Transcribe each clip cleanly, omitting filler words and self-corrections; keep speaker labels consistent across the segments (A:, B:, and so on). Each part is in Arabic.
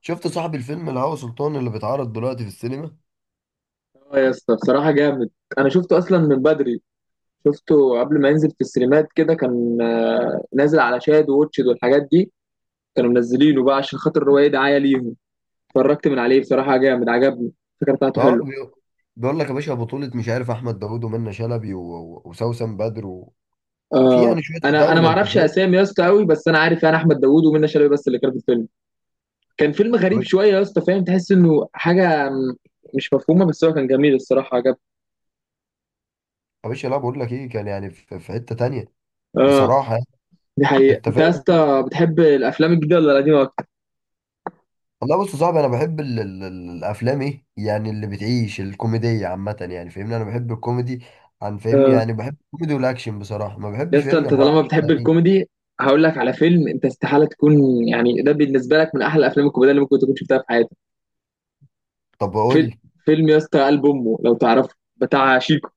A: شفت صاحب الفيلم الهوى سلطان اللي بيتعرض دلوقتي في السينما؟
B: اه يا اسطى بصراحة جامد. أنا شفته أصلا من بدري، شفته قبل ما ينزل في السينمات كده، كان نازل على شاهد ووتشد والحاجات دي. كانوا منزلينه بقى عشان خاطر الرواية دعاية ليهم. اتفرجت من عليه بصراحة جامد، عجبني الفكرة بتاعته
A: اه،
B: حلوة.
A: بيقول لك يا باشا بطولة مش عارف احمد داوود ومنة شلبي وسوسن بدر وفي
B: آه.
A: يعني شوية
B: أنا ما
A: عتاولة، انت
B: أعرفش
A: فاهم.
B: أسامي يا اسطى أوي، بس أنا عارف يعني أحمد داوود ومنى شلبي بس اللي كانوا في الفيلم. كان فيلم غريب شوية يا اسطى، فاهم، تحس إنه حاجة مش مفهومة، بس هو كان جميل الصراحة عجبني.
A: يا باشا، لا بقول لك ايه، كان يعني في حتة تانية،
B: اه،
A: بصراحة يعني.
B: دي حقيقة.
A: انت
B: أنت يا
A: فاهم؟
B: اسطى بتحب الأفلام الجديدة ولا القديمة أكتر؟
A: والله بص يا صاحبي، انا بحب الافلام، ايه يعني اللي بتعيش الكوميدية عامة، يعني فاهمني، انا بحب الكوميدي، عن فاهمني،
B: آه.
A: يعني بحب الكوميدي والاكشن، بصراحة ما
B: يا
A: بحبش
B: اسطى انت
A: فاهمني حوار.
B: طالما بتحب الكوميدي، هقول لك على فيلم انت استحاله تكون، يعني ده بالنسبه لك من احلى الافلام الكوميديه اللي ممكن تكون شفتها في حياتك.
A: طب قول
B: فيلم
A: لي.
B: فيلم يا اسطى قلب امه، لو تعرفه بتاع شيكو.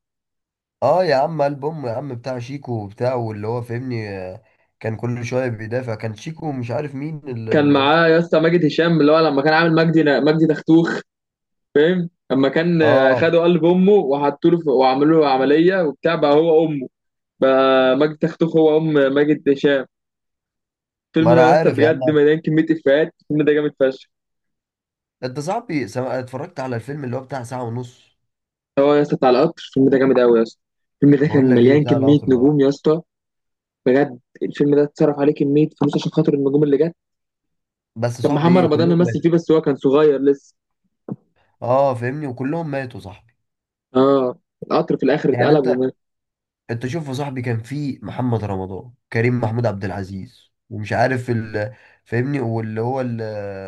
A: اه يا عم، البوم يا عم بتاع شيكو وبتاع واللي هو فاهمني، كان كل شويه بيدافع، كان شيكو ومش عارف مين
B: كان معاه يا اسطى ماجد هشام، اللي هو لما كان عامل مجدي دختوخ، فاهم، لما كان،
A: اه
B: خدوا قلب امه وحطوا له وعملوا له عمليه وبتاع، بقى هو امه. بقى مجدي دختوخ هو ام ماجد هشام. الفيلم
A: ما
B: ده
A: انا
B: يا اسطى
A: عارف يا عم.
B: بجد مليان كميه افيهات، الفيلم ده جامد فشخ.
A: انت صاحبي اتفرجت على الفيلم اللي هو بتاع ساعه ونص.
B: هو يا اسطى بتاع القطر، الفيلم ده جامد قوي يا اسطى. الفيلم ده كان
A: بقول لك ايه،
B: مليان
A: بتاع
B: كميه
A: القطر، اه.
B: نجوم يا اسطى، بجد الفيلم ده اتصرف عليه كميه فلوس عشان خاطر النجوم اللي جت.
A: بس
B: كان
A: صاحبي،
B: محمد
A: ايه
B: رمضان
A: كلهم
B: ممثل فيه،
A: ماتوا.
B: بس هو كان صغير لسه.
A: اه فاهمني، وكلهم ماتوا صاحبي.
B: اه، القطر في الاخر
A: يعني
B: اتقلب
A: انت
B: وما.
A: انت شوف يا صاحبي، كان في محمد رمضان، كريم، محمود عبد العزيز، ومش عارف ال، فاهمني، واللي هو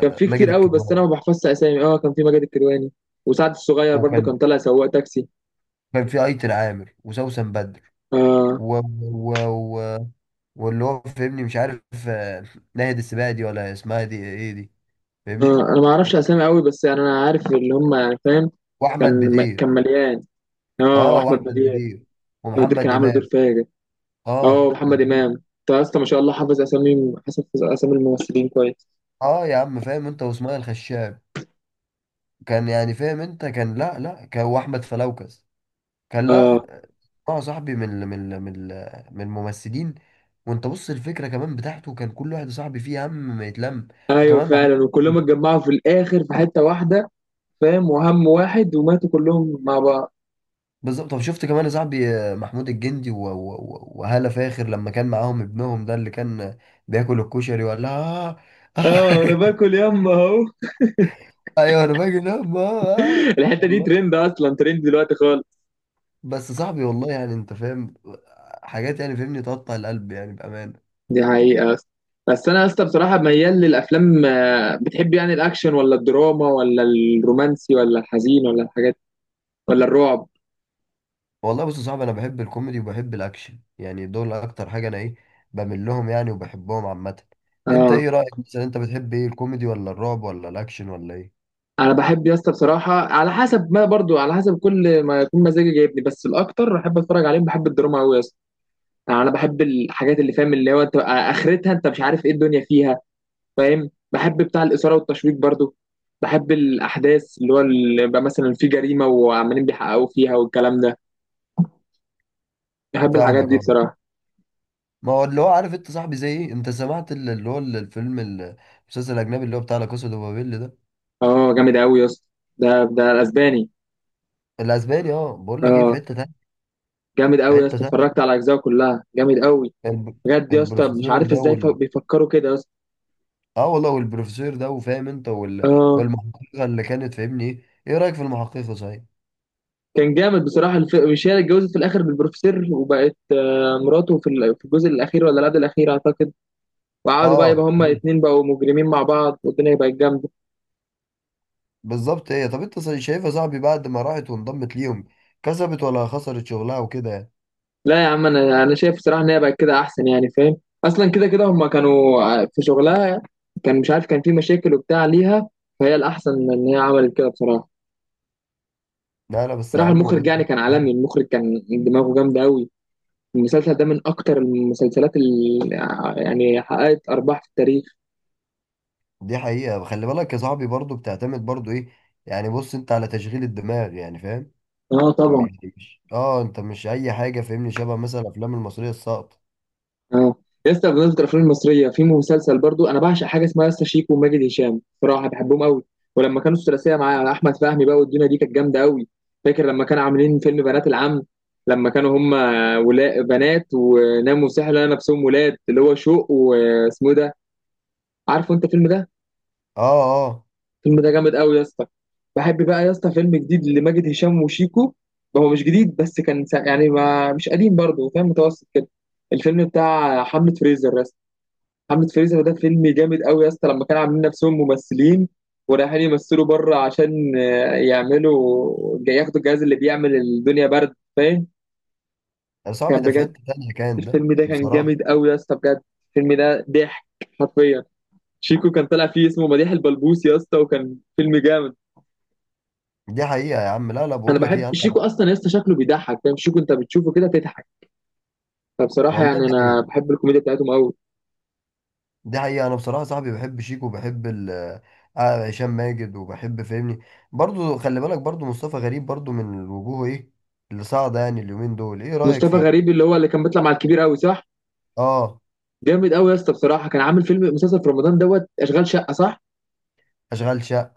B: كان فيه
A: ماجد
B: كتير قوي بس انا ما
A: الكدواني.
B: بحفظش اسامي. اه، كان فيه ماجد الكدواني وسعد الصغير، برضو
A: وكان
B: كان طالع سواق تاكسي.
A: كان في ايتن عامر وسوسن بدر
B: اه.
A: و... و... و... واللي هو فاهمني، مش عارف، آه، ناهد السباعي دي، ولا اسمها دي ايه دي،
B: اه،
A: فاهمني.
B: انا ما اعرفش اسامي قوي، بس يعني انا عارف اللي هم، يعني فاهم.
A: واحمد
B: كان
A: بدير،
B: كان مليان. اه،
A: اه
B: واحمد
A: واحمد
B: بدير.
A: بدير
B: احمد بدير كان
A: ومحمد
B: عامل دور
A: امام.
B: فاجر. اه،
A: اه
B: محمد امام. انت يا اسطى ما شاء الله حافظ اسامي، حافظ اسامي الممثلين كويس.
A: اه يا عم، فاهم انت، واسماعيل الخشاب، كان يعني فاهم انت، كان لا لا، كان واحمد فلوكس كان. لا،
B: اه،
A: اه صاحبي، من الممثلين. وانت بص، الفكره كمان بتاعته كان كل واحد صاحبي فيه هم ما يتلم.
B: ايوه
A: وكمان محمود،
B: فعلا، وكلهم اتجمعوا في الاخر في حته واحده، فاهم، وهم واحد وماتوا كلهم مع بعض.
A: بالظبط. طب شفت كمان يا صاحبي، محمود الجندي وهالة فاخر، لما كان معاهم ابنهم ده اللي كان بياكل الكشري، ولا آه
B: اه، انا
A: آه.
B: باكل يما اهو.
A: ايوه، انا باجي انام، آه. آه.
B: الحته دي
A: والله،
B: ترند، اصلا ترند دلوقتي خالص.
A: بس صاحبي، والله يعني انت فاهم، حاجات يعني فاهمني تقطع القلب، يعني بامانه.
B: دي حقيقه اصلا. بس انا اصلا بصراحه ميال للافلام. بتحب يعني الاكشن ولا الدراما ولا الرومانسي ولا الحزين ولا الحاجات ولا الرعب؟
A: والله بص يا صاحبي، انا بحب الكوميدي وبحب الاكشن، يعني دول اكتر حاجه انا ايه بميل لهم يعني، وبحبهم عامه. انت
B: اه،
A: ايه رايك؟ مثلا انت بتحب ايه، الكوميدي ولا الرعب ولا الاكشن ولا ايه؟
B: انا بحب يا اسطى بصراحه على حسب، ما برضو على حسب كل ما يكون مزاجي جايبني، بس الاكتر بحب اتفرج عليهم بحب الدراما قوي. يعني انا بحب الحاجات اللي فاهم، اللي هو انت اخرتها انت مش عارف ايه الدنيا فيها، فاهم. بحب بتاع الاثاره والتشويق برضو، بحب الاحداث اللي هو اللي بقى مثلا في جريمه وعمالين بيحققوا فيها والكلام ده. بحب الحاجات
A: فاهمك
B: دي
A: اهو.
B: بصراحه.
A: ما هو اللي هو عارف انت صاحبي زي ايه، انت سمعت اللي هو الفيلم المسلسل الاجنبي اللي هو بتاع لا كاسا دو بابيل ده؟
B: اه جامد قوي يا اسطى. ده الاسباني.
A: الاسباني، اه. بقول لك ايه، في
B: اه
A: حته تانية،
B: جامد
A: في
B: قوي يا
A: حته
B: اسطى،
A: تانية.
B: اتفرجت على اجزائه كلها، جامد قوي.
A: الب...
B: بجد يا اسطى مش
A: البروفيسور
B: عارف
A: ده
B: ازاي بيفكروا كده يا اسطى.
A: اه والله، والبروفيسور ده وفاهم انت
B: اه،
A: والمحققه اللي كانت فاهمني، ايه رايك في المحققه، صحيح؟
B: كان جامد بصراحه. مش هي اللي اتجوزت في الاخر بالبروفيسور وبقت مراته في الجزء الاخير؟ ولا لا ده الاخير اعتقد. وقعدوا بقى يبقى
A: اه،
B: هما
A: أيوة.
B: الاتنين بقوا مجرمين مع بعض، والدنيا بقت جامدة.
A: بالظبط. ايه، طب انت شايفها صاحبي، بعد ما راحت وانضمت ليهم، كسبت ولا خسرت شغلها وكده، يعني.
B: لا يا عم، انا شايف الصراحة ان هي بقت كده احسن، يعني فاهم. اصلا كده كده هما كانوا في شغلها كان مش عارف، كان في مشاكل وبتاع ليها، فهي الاحسن ان هي عملت كده بصراحة.
A: لا لا، بس يا
B: بصراحة
A: عم،
B: المخرج
A: والله.
B: يعني كان عالمي، المخرج كان دماغه جامدة قوي. المسلسل ده من اكتر المسلسلات اللي يعني حققت ارباح في التاريخ.
A: دي حقيقة. خلي بالك يا صاحبي، برضو بتعتمد برضو ايه، يعني بص انت على تشغيل الدماغ، يعني فاهم؟
B: اه طبعا.
A: مش انت، مش اي حاجة فاهمني، شبه مثلا الافلام المصرية الساقطة.
B: اه يا اسطى، بمناسبة الافلام المصرية، في مسلسل برضو انا بعشق حاجة اسمها يا اسطى شيكو وماجد هشام، صراحة بحبهم قوي. ولما كانوا الثلاثية مع احمد فهمي بقى، والدنيا دي كانت جامدة قوي. فاكر لما كانوا عاملين فيلم بنات العم، لما كانوا هم ولا بنات وناموا سحر لقوا نفسهم ولاد، اللي هو شوق واسمه إيه ده، عارفه انت الفيلم ده.
A: اه، اه
B: الفيلم ده جامد قوي يا اسطى. بحب بقى يا اسطى فيلم جديد لماجد هشام وشيكو، هو مش جديد بس كان يعني ما مش قديم برضه، فاهم، متوسط كده. الفيلم بتاع حملة فريزر، محمد فيروز، ده فيلم جامد قوي يا اسطى، لما كانوا عاملين نفسهم ممثلين ورايحين يمثلوا بره عشان يعملوا ياخدوا الجهاز اللي بيعمل الدنيا برد، فاهم.
A: يا صاحبي،
B: كان
A: ده في
B: بجد،
A: حتة تانية، كان ده
B: الفيلم ده كان
A: بصراحة.
B: جامد قوي يا اسطى، بجد الفيلم ده ضحك حرفيا. شيكو كان طالع فيه اسمه مديح البلبوس يا اسطى، وكان فيلم جامد.
A: دي حقيقة يا عم. لا لا،
B: انا
A: بقول لك
B: بحب
A: ايه انا،
B: شيكو اصلا يا اسطى، شكله بيضحك فاهم، شيكو انت بتشوفه كده تضحك. فبصراحه
A: والله،
B: يعني
A: دي
B: انا
A: حقيقة.
B: بحب الكوميديا بتاعتهم قوي.
A: دي حقيقة، انا بصراحة يا صاحبي بحب شيكو وبحب ال، هشام ماجد، وبحب فاهمني، برضو خلي بالك برضو مصطفى غريب برضو من الوجوه ايه اللي صاعدة، يعني اليومين دول. ايه رأيك
B: مصطفى
A: فيه؟
B: غريب اللي هو اللي كان بيطلع مع الكبير قوي، صح؟
A: اه،
B: جامد قوي يا اسطى بصراحه، كان عامل فيلم مسلسل في رمضان دوت اشغال شقه، صح؟
A: اشغال شقة،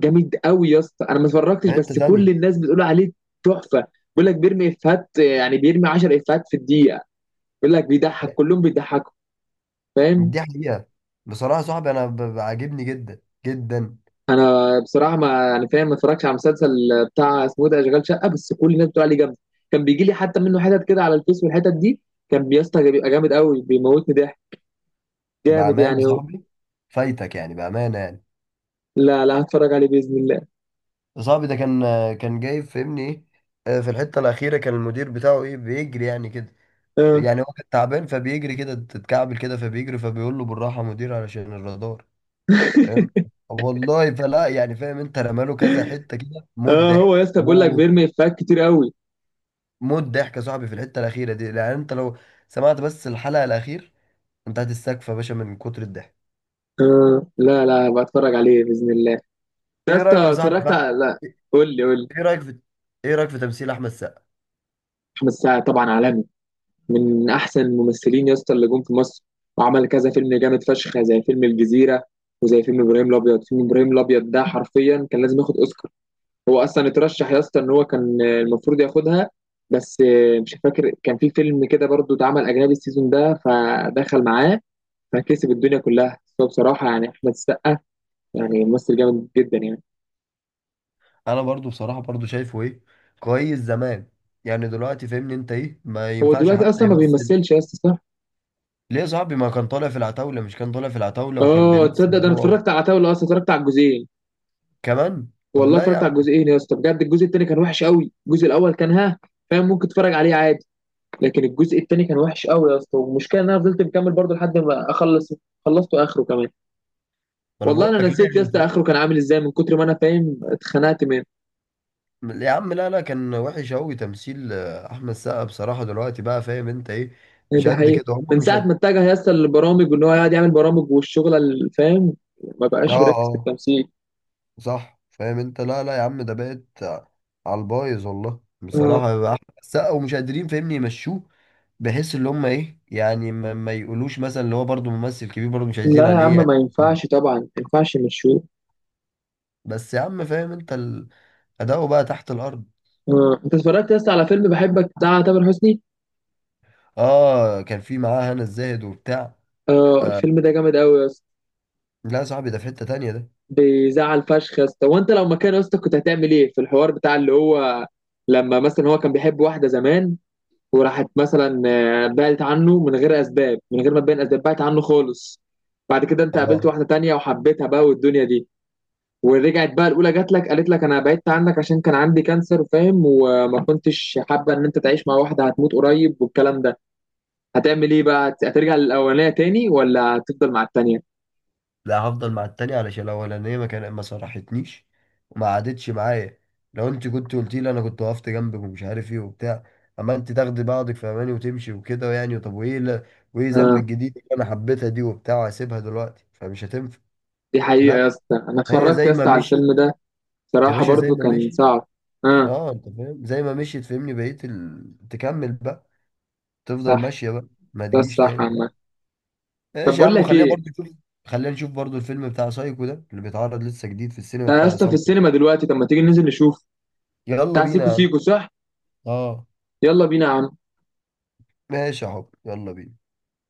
B: جامد قوي يا اسطى، انا ما اتفرجتش
A: في حتة
B: بس كل
A: تانية،
B: الناس بتقول عليه تحفه، بيقول لك بيرمي افيهات، يعني بيرمي 10 افيهات في الدقيقه، بيقول لك بيضحك كلهم بيضحكوا، فاهم.
A: دي حقيقة. بصراحة يا صاحبي، أنا بعجبني جدا جدا
B: انا بصراحه ما يعني فاهم، ما اتفرجتش على المسلسل بتاع اسمه إيه ده اشغال شقه، بس كل الناس بتقول عليه جامد. كان بيجي لي حتى منه حتت كده على الفيس والحتت دي، كان يا اسطى بيبقى جامد قوي، بيموتني ضحك، جامد
A: بأمانة. يا
B: يعني هو.
A: صاحبي فايتك، يعني بأمانة يعني.
B: لا لا، هتفرج عليه باذن الله.
A: صاحبي ده كان، كان جاي فهمني إيه، في الحتة الأخيرة كان المدير بتاعه إيه بيجري يعني كده،
B: اه.
A: يعني هو كان تعبان فبيجري كده، تتكعبل كده فبيجري، فبيقول له بالراحة يا مدير علشان الرادار، فاهم. والله فلا يعني فاهم أنت، رماله كذا حتة كده، موت
B: اه، هو يا
A: ضحك
B: اسطى بيقول لك
A: موت،
B: بيرمي افيهات كتير قوي.
A: موت ضحك يا صاحبي. في الحتة الأخيرة دي، يعني أنت لو سمعت بس الحلقة الأخيرة، من تحت السقف يا باشا من كتر الضحك.
B: آه لا لا، بتفرج عليه باذن الله. يا
A: ايه رايك
B: اسطى
A: يا صاحبي
B: اتفرجت
A: بقى؟
B: على، لا قول لي قول لي.
A: ايه رايك في، ايه رايك في تمثيل احمد سقا؟
B: احمد السقا طبعا عالمي، من احسن الممثلين يا اسطى اللي جم في مصر، وعمل كذا فيلم جامد فشخ زي فيلم الجزيره، وزي فيلم ابراهيم الابيض. فيلم ابراهيم الابيض ده حرفيا كان لازم ياخد اوسكار، هو اصلا اترشح يا اسطى، ان هو كان المفروض ياخدها، بس مش فاكر كان في فيلم كده برضو اتعمل اجنبي السيزون ده فدخل معاه فكسب الدنيا كلها. بس هو بصراحه يعني احمد السقا يعني ممثل جامد جدا يعني.
A: انا برضو بصراحه، برضو شايفه ايه كويس زمان، يعني دلوقتي فاهمني، انت ايه، ما
B: هو
A: ينفعش
B: دلوقتي
A: حتى
B: اصلا ما
A: يمثل.
B: بيمثلش يا اسطى، صح؟
A: ليه يا صاحبي؟ ما كان طالع في العتاوله، مش كان طالع في العتاوله وكان
B: اه
A: بيمثل،
B: تصدق ده انا
A: هو
B: اتفرجت على عتاولة، اصلا اتفرجت على الجزئين.
A: كمان. طب،
B: والله
A: لا يا
B: اتفرجت على
A: عم.
B: الجزئين يا اسطى، بجد الجزء التاني كان وحش قوي، الجزء الاول كان ها، فاهم، ممكن تتفرج عليه عادي، لكن الجزء التاني كان وحش قوي يا اسطى. والمشكله ان انا فضلت مكمل برضه لحد ما اخلص، خلصته اخره كمان.
A: ما انا
B: والله
A: بقول
B: انا
A: لك، لا
B: نسيت يا
A: يعني
B: اسطى
A: فاهم؟
B: اخره كان عامل ازاي، من كتر ما انا فاهم اتخنقت منه.
A: يا عم لا لا، كان وحش قوي تمثيل احمد سقا بصراحه، دلوقتي بقى فاهم انت ايه،
B: هي
A: مش
B: دي
A: قد
B: حقيقه،
A: كده، هم
B: من
A: مش
B: ساعه
A: قد.
B: ما اتجه يا اسطى للبرامج وان هو يقعد يعمل برامج والشغله اللي فاهم، ما
A: اه،
B: بقاش بيركز في
A: اه،
B: التمثيل.
A: صح فاهم انت. لا لا يا عم، ده بقت على البايظ والله،
B: آه.
A: بصراحة بقى أحمد السقا ومش قادرين فاهمني يمشوه، بحيث اللي هم ايه، يعني ما يقولوش مثلا اللي هو برضه ممثل كبير برضه، مش عايزين
B: لا يا
A: عليه
B: عم،
A: يعني.
B: ما ينفعش طبعا، ما ينفعش نشوف.
A: بس يا عم، فاهم انت اداؤه بقى تحت الارض.
B: انت اتفرجت يا اسطى على فيلم بحبك بتاع تامر حسني؟
A: اه، كان في معاه هنا الزاهد وبتاع،
B: اه
A: آه.
B: الفيلم ده جامد قوي يا اسطى.
A: لا يا صاحبي، ده في حتة تانية ده.
B: بيزعل فشخ يا اسطى، وانت لو مكان يا اسطى كنت هتعمل ايه في الحوار بتاع اللي هو، لما مثلا هو كان بيحب واحده زمان وراحت مثلا، بعدت عنه من غير اسباب، من غير ما تبين اسباب بعدت عنه خالص. بعد كده انت قابلت
A: اه،
B: واحده تانية وحبيتها بقى والدنيا دي، ورجعت بقى الاولى جات لك قالت لك انا بعدت عنك عشان كان عندي كانسر فاهم، وما كنتش حابه ان انت تعيش مع واحده هتموت قريب والكلام ده. هتعمل ايه بقى، هترجع للاولانيه تاني ولا هتفضل مع التانيه؟
A: لا، هفضل مع التانية علشان الأولانية ما صرحتنيش، وما قعدتش معايا. لو انت كنت قلتي لي، انا كنت وقفت جنبك ومش عارف ايه وبتاع، اما انت تاخدي بعضك في اماني وتمشي وكده، يعني. طب وايه؟ لا، وايه ذنب
B: اه،
A: الجديد اللي انا حبيتها دي وبتاع، وهسيبها دلوقتي فمش هتنفع.
B: دي حقيقه يا
A: لا،
B: اسطى، انا
A: هي
B: اتفرجت يا
A: زي ما
B: اسطى على
A: مشيت.
B: الفيلم ده،
A: يا
B: بصراحه
A: باشا، زي
B: برضو
A: ما
B: كان
A: مشيت.
B: صعب. اه،
A: اه، انت فاهم، زي ما مشيت فهمني، بقيت تكمل بقى، تفضل
B: صح.
A: ماشية بقى. ما
B: ده
A: تجيش
B: الصح
A: تاني، لا.
B: عامه. طب
A: ماشي يا
B: بقول
A: عم،
B: لك
A: خليها
B: ايه،
A: برضه تشوف. خلينا نشوف برضو الفيلم بتاع سايكو ده، اللي بيتعرض لسه جديد في السينما،
B: ده يا
A: بتاع
B: اسطى في
A: عصام.
B: السينما دلوقتي، طب ما تيجي ننزل نشوف.
A: يلا
B: بتاع
A: بينا
B: سيكو
A: يا عم.
B: سيكو، صح؟
A: اه،
B: يلا بينا يا عم.
A: ماشي يا حب، يلا بينا.